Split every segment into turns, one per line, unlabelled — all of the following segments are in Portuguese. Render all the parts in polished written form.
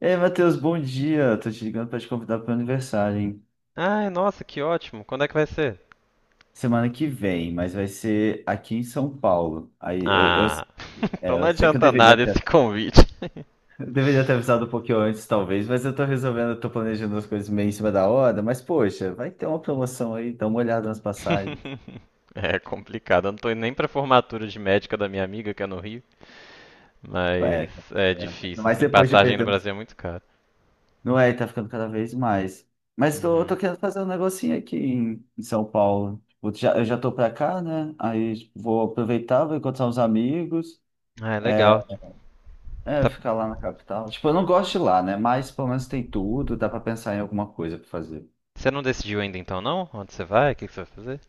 Ei, Matheus, bom dia. Tô te ligando pra te convidar pro meu aniversário, hein?
Ai, nossa, que ótimo. Quando é que vai ser?
Semana que vem, mas vai ser aqui em São Paulo.
Ah, então
É,
não
eu sei que eu
adianta
deveria
nada esse
ter,
convite.
eu deveria ter avisado um pouquinho antes, talvez, mas eu tô resolvendo, eu tô planejando as coisas meio em cima da hora, mas poxa, vai ter uma promoção aí, dá uma olhada nas passagens.
É complicado. Eu não tô indo nem pra formatura de médica da minha amiga, que é no Rio.
É,
Mas
é,
é difícil,
mas
assim.
depois de
Passagem no Brasil é muito cara.
não é, tá ficando cada vez mais. Mas tô,
Uhum.
tô querendo fazer um negocinho aqui em São Paulo. Tipo, já, eu já tô pra cá, né? Aí tipo, vou aproveitar, vou encontrar uns amigos.
Ah, é
É,
legal. Tá-
ficar lá na capital. Tipo, eu não gosto de lá, né? Mas pelo menos tem tudo, dá pra pensar em alguma coisa pra fazer.
Você não decidiu ainda então, não? Onde você vai? O que que você vai fazer?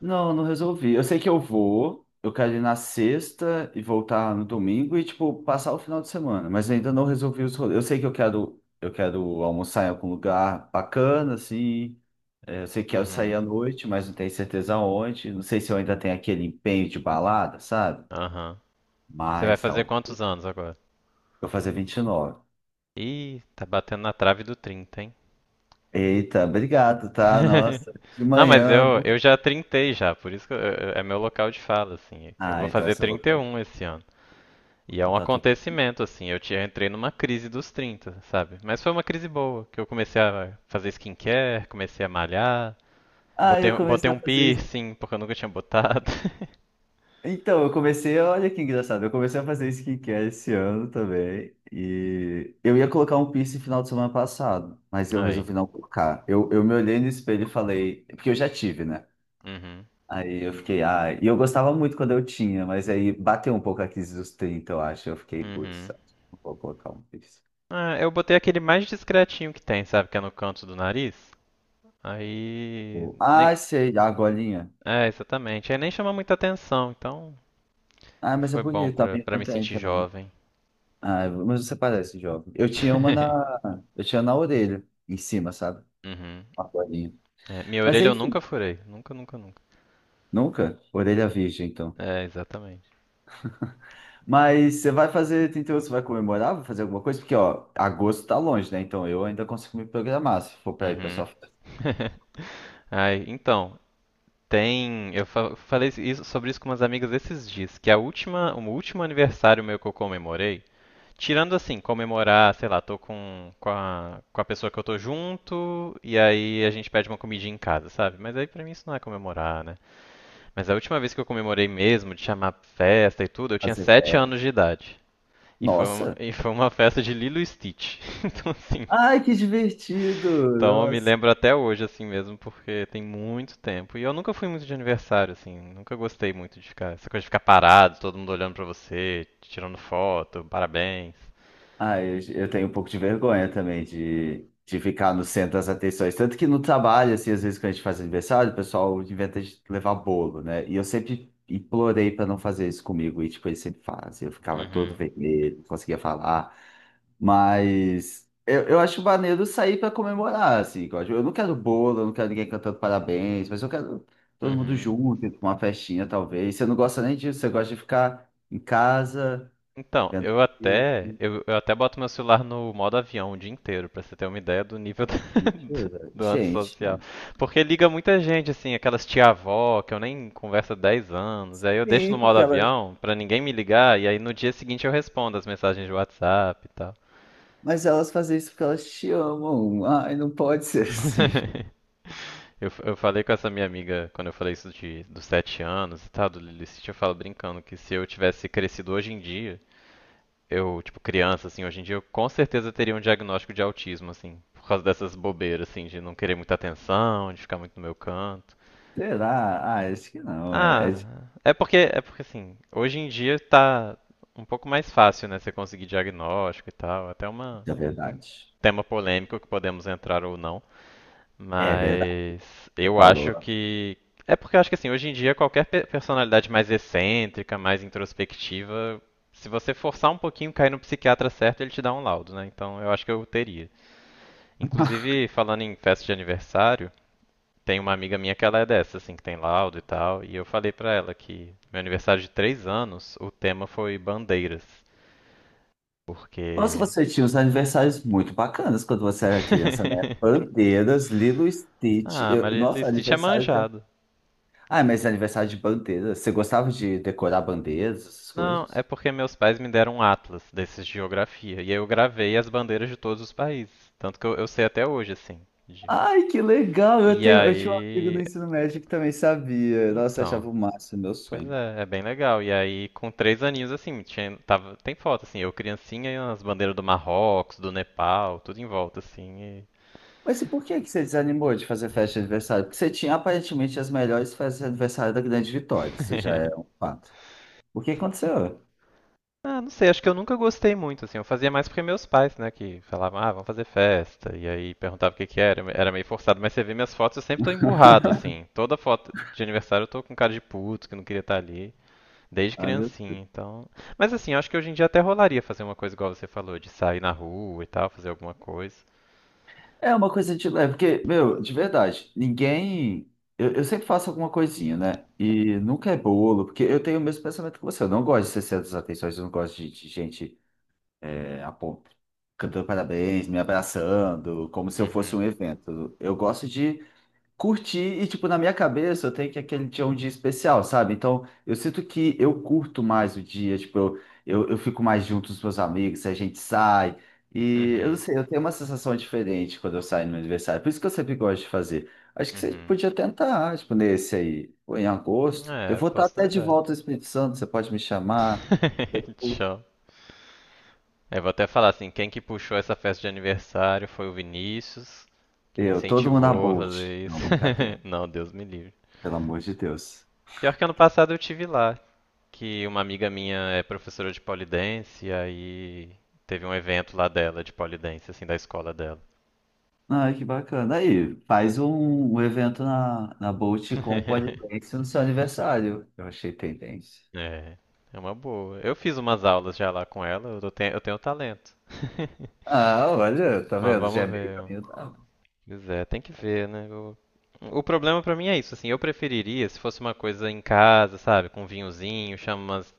Não, resolvi. Eu sei que eu vou, eu quero ir na sexta e voltar no domingo e, tipo, passar o final de semana, mas ainda não resolvi os rolês. Eu sei que eu quero almoçar em algum lugar bacana, assim. É, eu sei que quero sair
Uhum.
à noite, mas não tenho certeza onde. Não sei se eu ainda tenho aquele empenho de balada, sabe?
Aham. Você vai
Mas
fazer
tal.
quantos anos agora?
Eu vou fazer 29.
Ih, tá batendo na trave dos 30, hein?
Eita, obrigado, tá? Nossa, de
Não, mas
manhã.
eu já trintei já, por isso que é meu local de fala, assim. Eu
Ah,
vou
então
fazer
esse é o
trinta e
local.
um esse ano. E é
Então
um
tá tudo bem.
acontecimento, assim. Eu entrei numa crise dos 30, sabe? Mas foi uma crise boa, que eu comecei a fazer skincare, comecei a malhar,
Ah,
botei,
eu
botei
comecei a
um
fazer isso.
piercing, porque eu nunca tinha botado.
Então, eu comecei, olha que engraçado, eu comecei a fazer skincare esse ano também. E eu ia colocar um piercing no final de semana passado, mas eu
Aí.
resolvi não colocar. Eu me olhei no espelho e falei, porque eu já tive, né?
Uhum.
Aí eu fiquei, ah, e eu gostava muito quando eu tinha, mas aí bateu um pouco a crise dos 30, eu acho. Eu fiquei, putz,
Uhum.
não vou colocar um piercing.
Ah, eu botei aquele mais discretinho que tem, sabe? Que é no canto do nariz. Aí. Nem.
Ah, sei, a golinha.
É, exatamente. Aí nem chama muita atenção, então
Ah, mas é
foi bom
bonito, tá
pra,
bem
pra me sentir
contente.
jovem.
Ah, mas você parece jovem. Eu tinha na orelha, em cima, sabe?
Uhum.
Uma bolinha.
É, minha
Mas
orelha eu
enfim,
nunca furei. Nunca, nunca, nunca.
nunca. Orelha virgem, então.
É, exatamente.
Mas você vai fazer 38, você vai comemorar, vai fazer alguma coisa? Porque, ó, agosto tá longe, né? Então eu ainda consigo me programar se for pra ir pra
Uhum.
sua festa,
Ai, então, tem. Eu falei sobre isso com umas amigas esses dias, que o último aniversário meu que eu comemorei, tirando assim, comemorar, sei lá, tô com, com a pessoa que eu tô junto, e aí a gente pede uma comidinha em casa, sabe? Mas aí pra mim isso não é comemorar, né? Mas a última vez que eu comemorei mesmo, de chamar festa e tudo, eu tinha
fazer
sete
férias.
anos de idade.
Nossa!
E foi uma festa de Lilo e Stitch, assim.
Ai, que divertido!
Então eu me
Nossa!
lembro até hoje, assim mesmo, porque tem muito tempo. E eu nunca fui muito de aniversário, assim. Nunca gostei muito de ficar. Essa coisa de ficar parado, todo mundo olhando pra você, tirando foto, parabéns.
Ah, eu tenho um pouco de vergonha também de ficar no centro das atenções. Tanto que no trabalho, assim, às vezes quando a gente faz aniversário, o pessoal inventa de levar bolo, né? E eu sempre implorei para não fazer isso comigo, e tipo, eles sempre fazem. Eu ficava todo
Uhum,
vermelho, não conseguia falar. Mas eu acho maneiro sair para comemorar, assim, igual, tipo, eu não quero bolo, eu não quero ninguém cantando parabéns, mas eu quero todo mundo
uhum.
junto, com uma festinha, talvez. Você não gosta nem disso, você gosta de ficar em casa,
Então,
vendo
eu até,
filme.
eu até boto meu celular no modo avião o dia inteiro, pra você ter uma ideia do nível da,
Mentira.
do
Gente,
antissocial. Porque liga muita gente, assim, aquelas tia-avó que eu nem converso há 10 anos. Aí eu deixo no
sim,
modo
porque elas.
avião pra ninguém me ligar e aí no dia seguinte eu respondo as mensagens de WhatsApp e tal.
Mas elas fazem isso porque elas te amam. Ai, não pode ser assim.
Eu falei com essa minha amiga quando eu falei isso de, dos 7 anos e tal, do Lilicite, eu falo brincando que se eu tivesse crescido hoje em dia, eu, tipo, criança, assim, hoje em dia eu com certeza teria um diagnóstico de autismo, assim, por causa dessas bobeiras, assim, de não querer muita atenção, de ficar muito no meu canto.
Será? Ah, acho que não.
Ah, é porque assim, hoje em dia tá um pouco mais fácil, né, você conseguir diagnóstico e tal. É até uma
É
um
verdade.
tema polêmico que podemos entrar ou não,
É verdade,
mas
você
eu acho
falou.
que é porque eu acho que assim, hoje em dia qualquer personalidade mais excêntrica, mais introspectiva, se você forçar um pouquinho, cair no psiquiatra certo, ele te dá um laudo, né? Então eu acho que eu teria. Inclusive, falando em festa de aniversário, tem uma amiga minha que ela é dessa, assim, que tem laudo e tal, e eu falei pra ela que meu aniversário de 3 anos, o tema foi bandeiras,
Nossa,
porque...
você tinha uns aniversários muito bacanas quando você era criança, né? Bandeiras, Lilo e Stitch.
Ah,
Eu- nossa,
Marilith tinha
aniversário também.
manjado.
Ah, mas aniversário de bandeiras. Você gostava de decorar bandeiras, essas
Não, é
coisas?
porque meus pais me deram um atlas desses de geografia, e aí eu gravei as bandeiras de todos os países, tanto que eu sei até hoje, assim. De-
Ai, que legal! Eu
E
tenho, eu tinha um amigo
aí...
no ensino médio que também sabia. Nossa, eu
Então,
achava o máximo, meu
pois
sonho.
é, é bem legal. E aí, com 3 aninhos, assim, tinha, tava, tem foto, assim, eu criancinha e as bandeiras do Marrocos, do Nepal, tudo em volta, assim. E-
Mas e por que que você desanimou de fazer festa de aniversário? Porque você tinha aparentemente as melhores festas de aniversário da Grande Vitória, isso já é um fato. O que aconteceu?
Ah, não sei, acho que eu nunca gostei muito, assim. Eu fazia mais porque meus pais, né, que falavam, ah, vamos fazer festa. E aí perguntava o que que era, era meio forçado. Mas você vê minhas fotos, eu sempre tô emburrado, assim. Toda foto de aniversário eu tô com cara de puto, que não queria estar ali. Desde
Ah, meu-
criancinha, então. Mas assim, eu acho que hoje em dia até rolaria fazer uma coisa igual você falou, de sair na rua e tal, fazer alguma coisa.
é uma coisa de leve, porque, meu, de verdade, ninguém. Eu sempre faço alguma coisinha, né? E nunca é bolo, porque eu tenho o mesmo pensamento que você. Eu não gosto de ser centro das atenções, eu não gosto de gente é, a cantando parabéns, me abraçando, como se eu fosse
Uhum,
um evento. Eu gosto de curti e, tipo, na minha cabeça eu tenho que aquele dia é um dia especial, sabe? Então, eu sinto que eu curto mais o dia, tipo, eu fico mais junto com os meus amigos, a gente sai. E eu não
uhum,
sei, eu tenho uma sensação diferente quando eu saio no meu aniversário. Por isso que eu sempre gosto de fazer. Acho que você
uhum.
podia tentar, tipo, nesse aí, ou em agosto. Eu
É,
vou estar
posso
até de
tentar.
volta ao Espírito Santo, você pode me chamar.
Tchau. É, vou até falar assim, quem que puxou essa festa de aniversário foi o Vinícius, que me
Eu, todo mundo na
incentivou a
Bolt.
fazer
Não,
isso.
brincadeira.
Não, Deus me livre.
Pelo amor de Deus.
Pior que ano passado eu tive lá, que uma amiga minha é professora de polidense, e aí teve um evento lá dela de polidense, assim, da escola dela.
Ah, que bacana. Aí, faz um evento na Bolt com o Polidense no seu aniversário. Eu achei tendência.
É, é uma boa. Eu fiz umas aulas já lá com ela, eu tenho talento.
Ah, olha, tá
Mas
vendo? Já é
vamos
meio
ver.
caminho dado.
Pois é, tem que ver, né? O, problema pra mim é isso, assim, eu preferiria se fosse uma coisa em casa, sabe, com um vinhozinho, chama umas,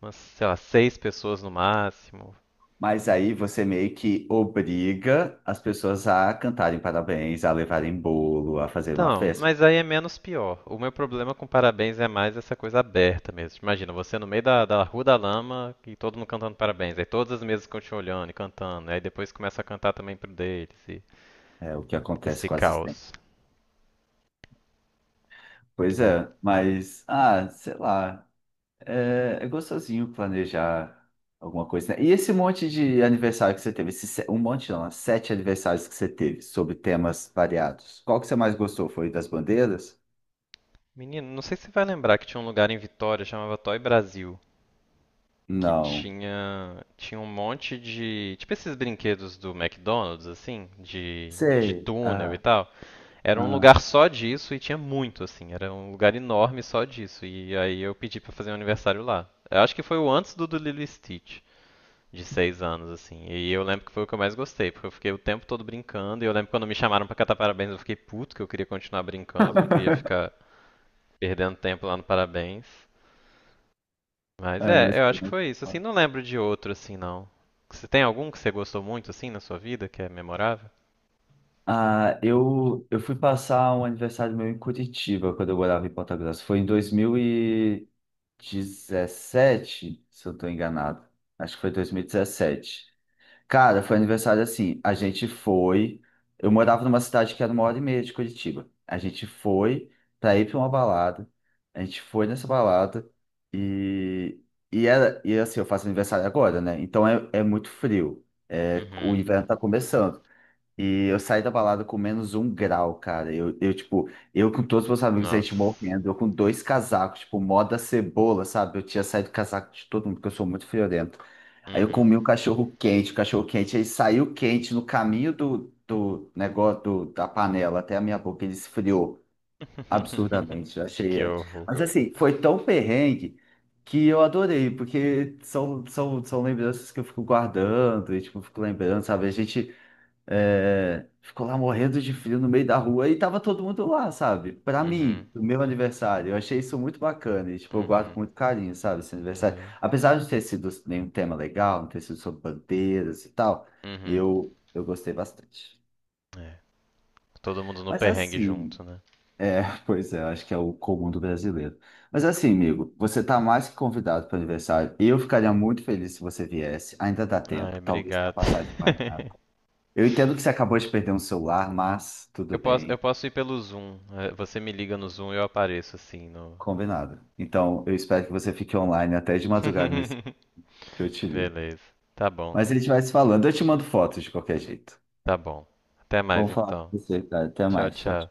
umas, sei lá, seis pessoas no máximo.
Mas aí você meio que obriga as pessoas a cantarem parabéns, a levarem bolo, a fazer uma
Então,
festa.
mas aí é menos pior. O meu problema com parabéns é mais essa coisa aberta mesmo. Imagina, você no meio da Rua da Lama e todo mundo cantando parabéns. Aí todas as mesas ficam te olhando e cantando. Aí depois começa a cantar também pro deles. E
É o que acontece
esse
quase sempre.
caos.
Pois
É.
é, mas, ah, sei lá. É, é gostosinho planejar alguma coisa, né? E esse monte de aniversário que você teve, esse se- um monte não, né? 7 aniversários que você teve, sobre temas variados. Qual que você mais gostou? Foi das bandeiras?
Menino, não sei se você vai lembrar que tinha um lugar em Vitória, chamava Toy Brasil, que
Não.
tinha um monte de, tipo esses brinquedos do McDonald's assim, de
Sei.
túnel e
Ah,
tal. Era um
ah,
lugar só disso e tinha muito assim, era um lugar enorme só disso. E aí eu pedi pra fazer um aniversário lá. Eu acho que foi o antes do Lilo e Stitch. De 6 anos, assim. E eu lembro que foi o que eu mais gostei, porque eu fiquei o tempo todo brincando. E eu lembro quando me chamaram pra cantar parabéns, eu fiquei puto, que eu queria continuar brincando, não queria ficar perdendo tempo lá no parabéns. Mas
é,
é,
mas
eu
foi
acho que
muito
foi isso. Assim,
bom.
não lembro de outro assim, não. Você tem algum que você gostou muito assim na sua vida que é memorável?
Ah, eu fui passar um aniversário meu em Curitiba, quando eu morava em Ponta Grossa. Foi em 2017, se eu não estou enganado. Acho que foi 2017. Cara, foi aniversário assim. A gente foi. Eu morava numa cidade que era uma hora e meia de Curitiba. A gente foi pra ir pra uma balada. A gente foi nessa balada e, e era. E assim, eu faço aniversário agora, né? Então é, é muito frio. É, o
Uhum.
inverno tá começando. E eu saí da balada com menos um grau, cara. Eu com todos os meus amigos, a gente
Nossa.
morrendo. Eu com dois casacos, tipo, moda cebola, sabe? Eu tinha saído casaco de todo mundo, porque eu sou muito friorento. Aí eu
Uhum.
comi o cachorro quente, aí saiu quente no caminho do negócio do- da panela até a minha boca, ele esfriou absurdamente, eu
Que
achei.
horror.
Mas assim, foi tão perrengue que eu adorei, porque são lembranças que eu fico guardando, e tipo, eu fico lembrando, sabe? A gente é, ficou lá morrendo de frio no meio da rua e tava todo mundo lá, sabe? Pra
Uhum.
mim, do meu aniversário, eu achei isso muito bacana e, tipo, eu guardo com
Uhum.
muito carinho, sabe, esse aniversário.
É.
Apesar de não ter sido nenhum tema legal, não ter sido sobre bandeiras e tal,
Uhum.
eu gostei bastante.
É, todo mundo no
Mas
perrengue
assim,
junto, né?
é, pois é, acho que é o comum do brasileiro. Mas assim, amigo, você tá mais que convidado para o aniversário. Eu ficaria muito feliz se você viesse. Ainda dá
Ai,
tempo, talvez tenha
obrigado.
passagem de parada. Eu entendo que você acabou de perder um celular, mas tudo
Eu
bem.
posso ir pelo Zoom. É, você me liga no Zoom e eu apareço assim no.
Combinado. Então, eu espero que você fique online até de madrugada nesse que eu te ligo.
Beleza. Tá bom,
Mas a gente vai se falando. Eu te mando fotos de qualquer jeito.
tá bom. Até
Bom
mais
falar com
então.
você, cara. Até
Tchau,
mais. Tchau, tchau.
tchau.